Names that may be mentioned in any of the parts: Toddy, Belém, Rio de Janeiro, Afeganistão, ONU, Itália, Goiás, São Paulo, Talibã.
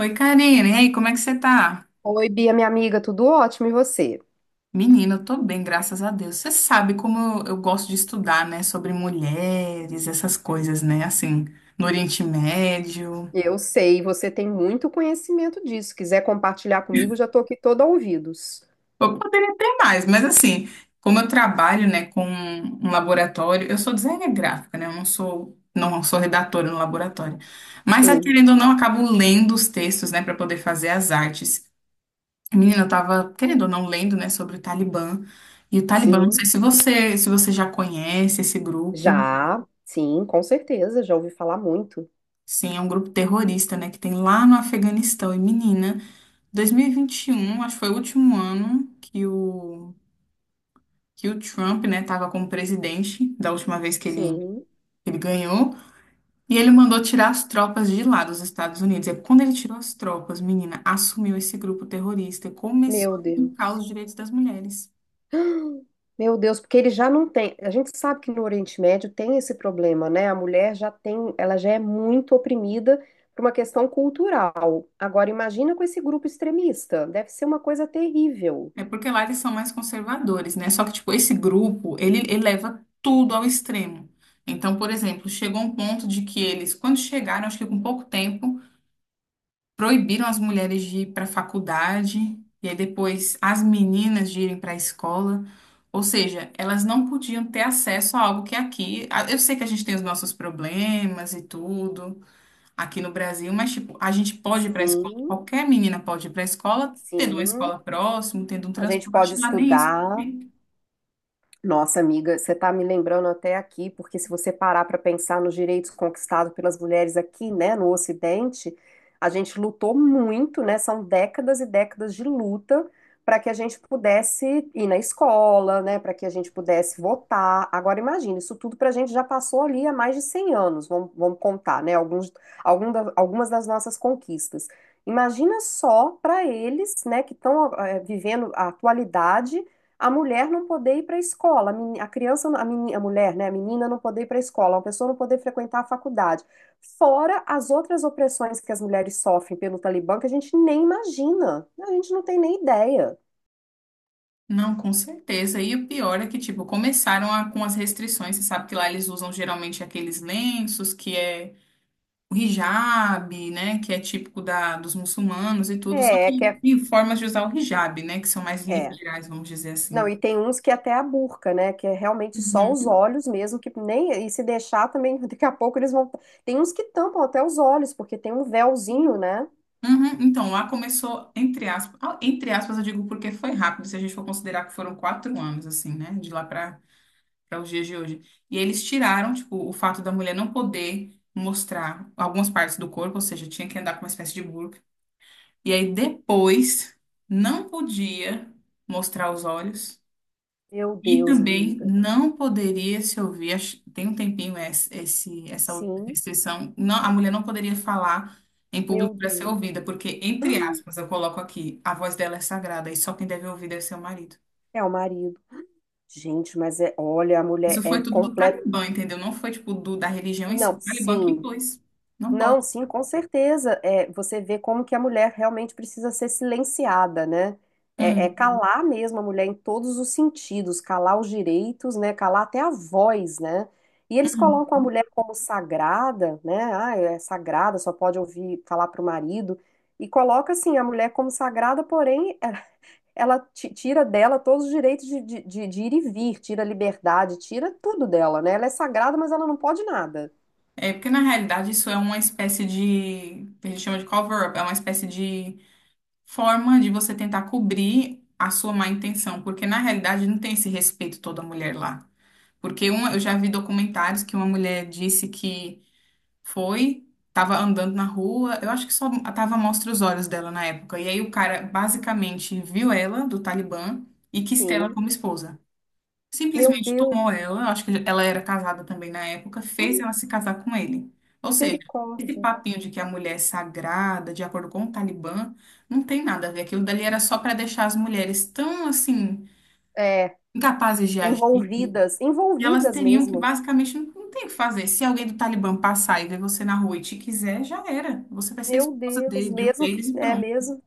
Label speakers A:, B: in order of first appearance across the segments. A: Oi, Karine. E aí, como é que você tá?
B: Oi, Bia, minha amiga, tudo ótimo, e você?
A: Menina, eu tô bem, graças a Deus. Você sabe como eu gosto de estudar, né? Sobre mulheres, essas coisas, né? Assim, no Oriente Médio.
B: Eu sei, você tem muito conhecimento disso. Se quiser compartilhar comigo, já estou aqui toda ouvidos.
A: Eu poderia ter mais, mas assim, como eu trabalho, né, com um laboratório, eu sou designer gráfica, né? Eu não sou redatora no laboratório. Mas,
B: Sim,
A: querendo ou não, eu acabo lendo os textos, né, para poder fazer as artes. Menina, eu tava, querendo ou não, lendo, né, sobre o Talibã. E o Talibã, não sei
B: sim,
A: se você já conhece esse grupo.
B: já, sim, com certeza, já ouvi falar muito.
A: Sim, é um grupo terrorista, né, que tem lá no Afeganistão. E, menina, 2021, acho que foi o último ano que o Trump, né, tava como presidente, da última vez
B: Sim,
A: que ele ganhou. E ele mandou tirar as tropas de lá dos Estados Unidos. E quando ele tirou as tropas, menina, assumiu esse grupo terrorista e começou
B: meu
A: a fincar os
B: Deus.
A: direitos das mulheres.
B: Meu Deus, porque ele já não tem. A gente sabe que no Oriente Médio tem esse problema, né? A mulher já tem, ela já é muito oprimida por uma questão cultural. Agora, imagina com esse grupo extremista, deve ser uma coisa terrível.
A: É porque lá eles são mais conservadores, né? Só que, tipo, esse grupo, ele leva tudo ao extremo. Então, por exemplo, chegou um ponto de que eles, quando chegaram, acho que com pouco tempo, proibiram as mulheres de ir para a faculdade, e aí depois as meninas de irem para a escola. Ou seja, elas não podiam ter acesso a algo que é aqui. Eu sei que a gente tem os nossos problemas e tudo, aqui no Brasil, mas tipo, a gente pode ir para a escola,
B: Sim,
A: qualquer menina pode ir para a escola, tendo uma
B: sim.
A: escola próximo, tendo um
B: A gente
A: transporte,
B: pode
A: lá nem isso
B: estudar.
A: tem.
B: Nossa, amiga, você está me lembrando até aqui, porque se você parar para pensar nos direitos conquistados pelas mulheres aqui, né, no Ocidente, a gente lutou muito, né? São décadas e décadas de luta para que a gente pudesse ir na escola, né, para que a gente pudesse votar. Agora, imagina, isso tudo para a gente já passou ali há mais de 100 anos, vamos contar, né, alguns, algumas das nossas conquistas. Imagina só para eles, né, que estão vivendo a atualidade a mulher não poder ir para a escola, a criança, a mulher, né, a menina não poder ir para a escola, a pessoa não poder frequentar a faculdade, fora as outras opressões que as mulheres sofrem pelo Talibã que a gente nem imagina, a gente não tem nem ideia.
A: Não, com certeza. E o pior é que, tipo, com as restrições. Você sabe que lá eles usam geralmente aqueles lenços, que é o hijab, né? Que é típico da, dos muçulmanos e tudo. Só
B: É, que
A: que
B: é,
A: tem formas de usar o hijab, né? Que são mais
B: é.
A: liberais, vamos dizer
B: Não,
A: assim.
B: e tem uns que até a burca, né, que é realmente só os
A: Uhum.
B: olhos mesmo, que nem, e se deixar também, daqui a pouco eles vão, tem uns que tampam até os olhos, porque tem um véuzinho, né?
A: Uhum. Então, lá começou, entre aspas, entre aspas, eu digo porque foi rápido, se a gente for considerar que foram quatro anos, assim, né? De lá para para os dias de hoje. E eles tiraram, tipo, o fato da mulher não poder mostrar algumas partes do corpo, ou seja, tinha que andar com uma espécie de burca. E aí depois não podia mostrar os olhos.
B: Meu
A: E
B: Deus,
A: também
B: amiga.
A: não poderia se ouvir, tem um tempinho essa outra
B: Sim,
A: restrição, não, a mulher não poderia falar em
B: meu
A: público para ser
B: Deus.
A: ouvida, porque, entre aspas, eu coloco aqui, a voz dela é sagrada e só quem deve ouvir deve ser o marido.
B: É o marido. Gente, mas é, olha, a mulher
A: Isso
B: é
A: foi tudo do
B: completa.
A: Talibã, entendeu? Não foi, tipo, da religião em si,
B: Não,
A: o Talibã que
B: sim,
A: impôs. Não
B: não,
A: pode.
B: sim, com certeza. É, você vê como que a mulher realmente precisa ser silenciada, né? É, é
A: Hum,
B: calar mesmo a mulher em todos os sentidos, calar os direitos, né? Calar até a voz, né? E eles
A: hum.
B: colocam a mulher como sagrada, né? Ah, é sagrada, só pode ouvir falar para o marido. E coloca assim a mulher como sagrada, porém, é, tira dela todos os direitos de ir e vir, tira a liberdade, tira tudo dela, né? Ela é sagrada, mas ela não pode nada.
A: É porque, na realidade, isso é uma espécie de, a gente chama de cover-up, é uma espécie de forma de você tentar cobrir a sua má intenção, porque na realidade não tem esse respeito toda mulher lá. Porque uma, eu já vi documentários que uma mulher disse que foi, estava andando na rua, eu acho que só tava à mostra os olhos dela na época. E aí o cara basicamente viu ela do Talibã e quis ter ela
B: Sim.
A: como esposa.
B: Meu
A: Simplesmente tomou
B: Deus.
A: ela, eu acho que ela era casada também na época, fez
B: Hum,
A: ela se casar com ele. Ou seja, esse
B: misericórdia.
A: papinho de que a mulher é sagrada, de acordo com o Talibã, não tem nada a ver. Aquilo dali era só para deixar as mulheres tão, assim,
B: É,
A: incapazes de agir, que
B: envolvidas,
A: elas
B: envolvidas
A: teriam que
B: mesmo.
A: basicamente não, não tem o que fazer. Se alguém do Talibã passar e ver você na rua e te quiser, já era. Você vai ser
B: Meu
A: esposa
B: Deus,
A: dele, de um
B: mesmo que,
A: deles e
B: é
A: pronto.
B: mesmo,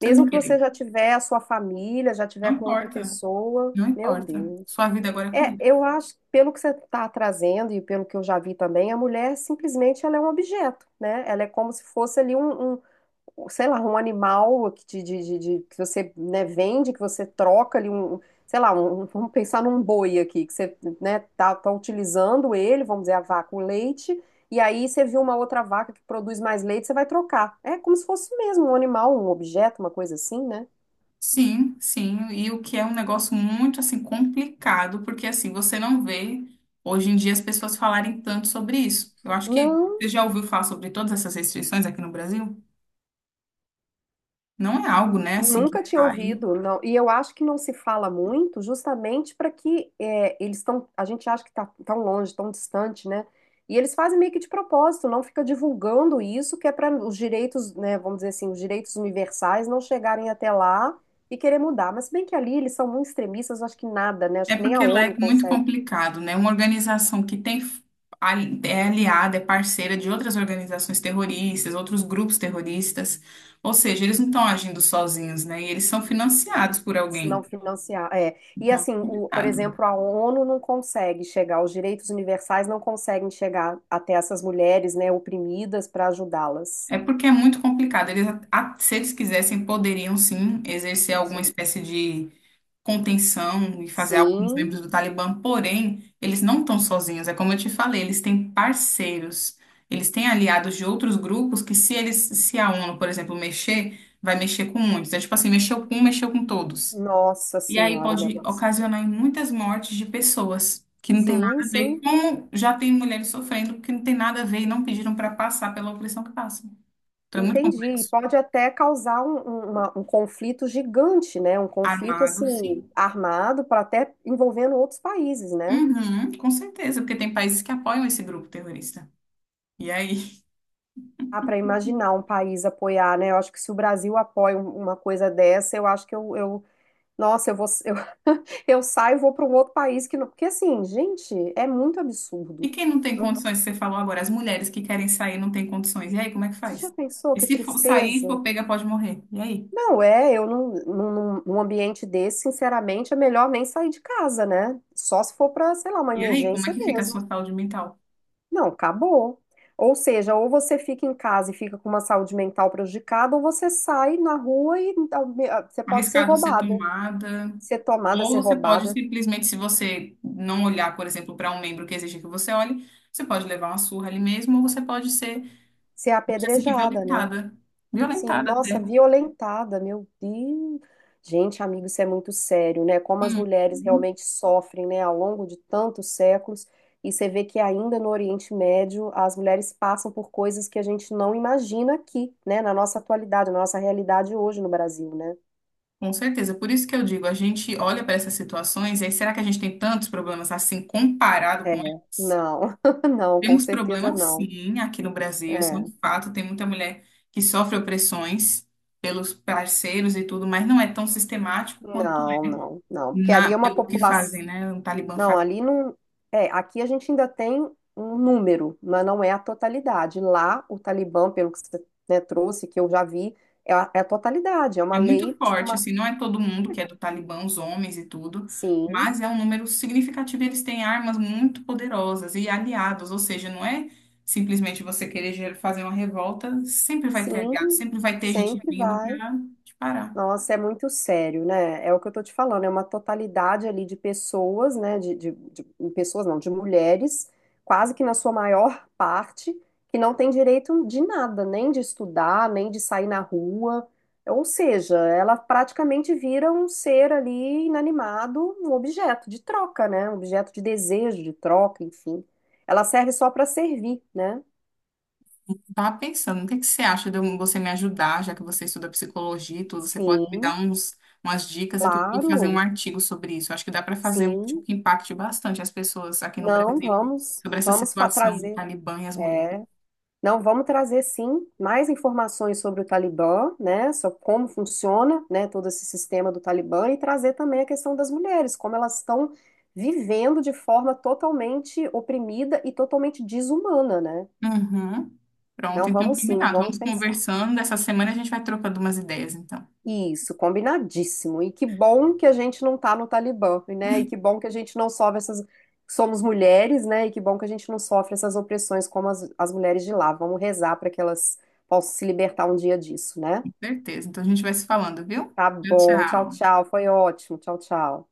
A: Você
B: mesmo
A: não tem
B: que
A: que
B: você
A: querer.
B: já tiver a sua família, já
A: Não
B: tiver com outra
A: importa,
B: pessoa,
A: não
B: meu
A: importa.
B: Deus.
A: Sua vida agora é com
B: É,
A: ele.
B: eu acho, pelo que você está trazendo e pelo que eu já vi também, a mulher simplesmente ela é um objeto, né? Ela é como se fosse ali um sei lá, um animal que, te- de- que você, né, vende, que você troca ali sei lá, um, vamos pensar num boi aqui, que você, né, tá utilizando ele, vamos dizer, a vaca, o leite, e aí você viu uma outra vaca que produz mais leite, você vai trocar. É como se fosse mesmo um animal, um objeto, uma coisa assim, né?
A: Sim, sim, e o que é um negócio muito assim complicado, porque assim, você não vê hoje em dia as pessoas falarem tanto sobre isso. Eu acho que
B: Não.
A: você já ouviu falar sobre todas essas restrições aqui no Brasil? Não é algo, né, assim que
B: Nunca tinha
A: vai.
B: ouvido, não. E eu acho que não se fala muito, justamente para que é, eles estão. A gente acha que está tão longe, tão distante, né? E eles fazem meio que de propósito, não fica divulgando isso, que é para os direitos, né? Vamos dizer assim, os direitos universais não chegarem até lá e querer mudar. Mas se bem que ali eles são muito extremistas, acho que nada, né? Acho
A: É
B: que nem a
A: porque lá
B: ONU
A: é muito
B: consegue.
A: complicado, né? Uma organização que tem é aliada, é parceira de outras organizações terroristas, outros grupos terroristas, ou seja, eles não estão agindo sozinhos, né? E eles são financiados por
B: Se não
A: alguém.
B: financiar, é. E
A: Então, é
B: assim, o, por
A: complicado.
B: exemplo, a ONU não consegue chegar, os direitos universais não conseguem chegar até essas mulheres, né, oprimidas para ajudá-las.
A: É porque é muito complicado. Se eles quisessem, poderiam sim exercer alguma
B: Sim.
A: espécie de contenção e fazer algo com os
B: Sim,
A: membros do Talibã, porém, eles não estão sozinhos. É como eu te falei, eles têm parceiros, eles têm aliados de outros grupos que, se a ONU, por exemplo, mexer, vai mexer com muitos. É tipo assim, mexeu com um, mexeu com todos.
B: nossa
A: E aí
B: senhora, o
A: pode
B: negócio.
A: ocasionar em muitas mortes de pessoas que não tem nada
B: Sim,
A: a ver,
B: sim,
A: como já tem mulheres sofrendo, que não tem nada a ver e não pediram para passar pela opressão que passam. Então é muito
B: entendi. E
A: complexo.
B: pode até causar um conflito gigante, né? Um conflito
A: Armado,
B: assim
A: sim.
B: armado para até envolvendo outros países, né?
A: Uhum, com certeza, porque tem países que apoiam esse grupo terrorista. E aí?
B: Ah, para imaginar um país apoiar, né? Eu acho que se o Brasil apoia uma coisa dessa, eu acho que eu Nossa, eu saio e vou para um outro país que não. Porque assim, gente, é muito
A: E
B: absurdo.
A: quem não tem
B: Não-
A: condições, que você falou agora, as mulheres que querem sair não têm condições. E aí, como é que
B: Você já
A: faz?
B: pensou
A: E
B: que
A: se for sair, e
B: tristeza?
A: for pega, pode morrer. E aí?
B: Não, é, eu não, num, num num ambiente desse, sinceramente, é melhor nem sair de casa, né? Só se for para, sei lá, uma
A: E aí, como é
B: emergência
A: que fica a sua
B: mesmo.
A: saúde mental?
B: Não, acabou. Ou seja, ou você fica em casa e fica com uma saúde mental prejudicada, ou você sai na rua e ah, você pode ser
A: Arriscado ser
B: roubada,
A: tomada.
B: ser tomada,
A: Ou
B: ser
A: você pode
B: roubada,
A: simplesmente, se você não olhar, por exemplo, para um membro que exige que você olhe, você pode levar uma surra ali mesmo, ou você pode ser,
B: ser
A: vamos dizer assim, que
B: apedrejada, né?
A: violentada.
B: Sim,
A: Violentada
B: nossa,
A: até.
B: violentada, meu Deus. Gente, amigo, isso é muito sério, né? Como as mulheres
A: Hum.
B: realmente sofrem, né, ao longo de tantos séculos. E você vê que ainda no Oriente Médio as mulheres passam por coisas que a gente não imagina aqui, né, na nossa atualidade, na nossa realidade hoje no Brasil, né?
A: Com certeza. Por isso que eu digo, a gente olha para essas situações e aí, será que a gente tem tantos problemas assim comparado
B: É,
A: com eles?
B: não, não, com
A: Temos
B: certeza
A: problemas
B: não.
A: sim aqui no Brasil, isso é um
B: É,
A: fato. Tem muita mulher que sofre opressões pelos parceiros e tudo, mas não é tão sistemático quanto
B: não,
A: é
B: não, não, porque ali
A: na,
B: é uma
A: pelo que
B: população.
A: fazem, né? O Talibã
B: Não,
A: faz.
B: ali não. É, aqui a gente ainda tem um número, mas não é a totalidade. Lá, o Talibã, pelo que você, né, trouxe, que eu já vi, é a totalidade. É uma
A: É
B: lei,
A: muito
B: tipo
A: forte,
B: uma.
A: assim, não é todo mundo que é do Talibã, os homens e tudo,
B: Sim,
A: mas é um número significativo. Eles têm armas muito poderosas e aliados, ou seja, não é simplesmente você querer fazer uma revolta, sempre vai ter aliados,
B: sim,
A: sempre vai ter gente
B: sempre
A: vindo
B: vai.
A: para te parar.
B: Nossa, é muito sério, né? É o que eu tô te falando, é uma totalidade ali de pessoas, né? Pessoas não, de mulheres, quase que na sua maior parte, que não tem direito de nada, nem de estudar, nem de sair na rua. Ou seja, ela praticamente vira um ser ali inanimado, um objeto de troca, né? Um objeto de desejo, de troca, enfim. Ela serve só para servir, né?
A: Tava pensando, o que que você acha de você me ajudar, já que você estuda psicologia e tudo, você pode me
B: Sim,
A: dar uns, umas dicas e tudo, e fazer um
B: claro,
A: artigo sobre isso. Acho que dá para fazer um artigo
B: sim.
A: que impacte bastante as pessoas aqui no
B: Não,
A: Brasil
B: vamos,
A: sobre essa
B: vamos fa-
A: situação do
B: trazer.
A: Talibã e as mulheres.
B: É. Não, vamos trazer sim mais informações sobre o Talibã, né? Sobre como funciona, né, todo esse sistema do Talibã e trazer também a questão das mulheres, como elas estão vivendo de forma totalmente oprimida e totalmente desumana, né?
A: Uhum. Pronto,
B: Não,
A: então
B: vamos sim,
A: combinado.
B: vamos
A: Vamos
B: pensar.
A: conversando. Essa semana a gente vai trocando umas ideias, então.
B: Isso, combinadíssimo. E que bom que a gente não tá no Talibã, né? E que bom que a gente não sofre essas. Somos mulheres, né? E que bom que a gente não sofre essas opressões como as mulheres de lá. Vamos rezar para que elas possam se libertar um dia disso, né?
A: Com certeza. Então a gente vai se falando, viu?
B: Tá
A: Tchau,
B: bom, tchau,
A: tchau.
B: tchau. Foi ótimo. Tchau, tchau.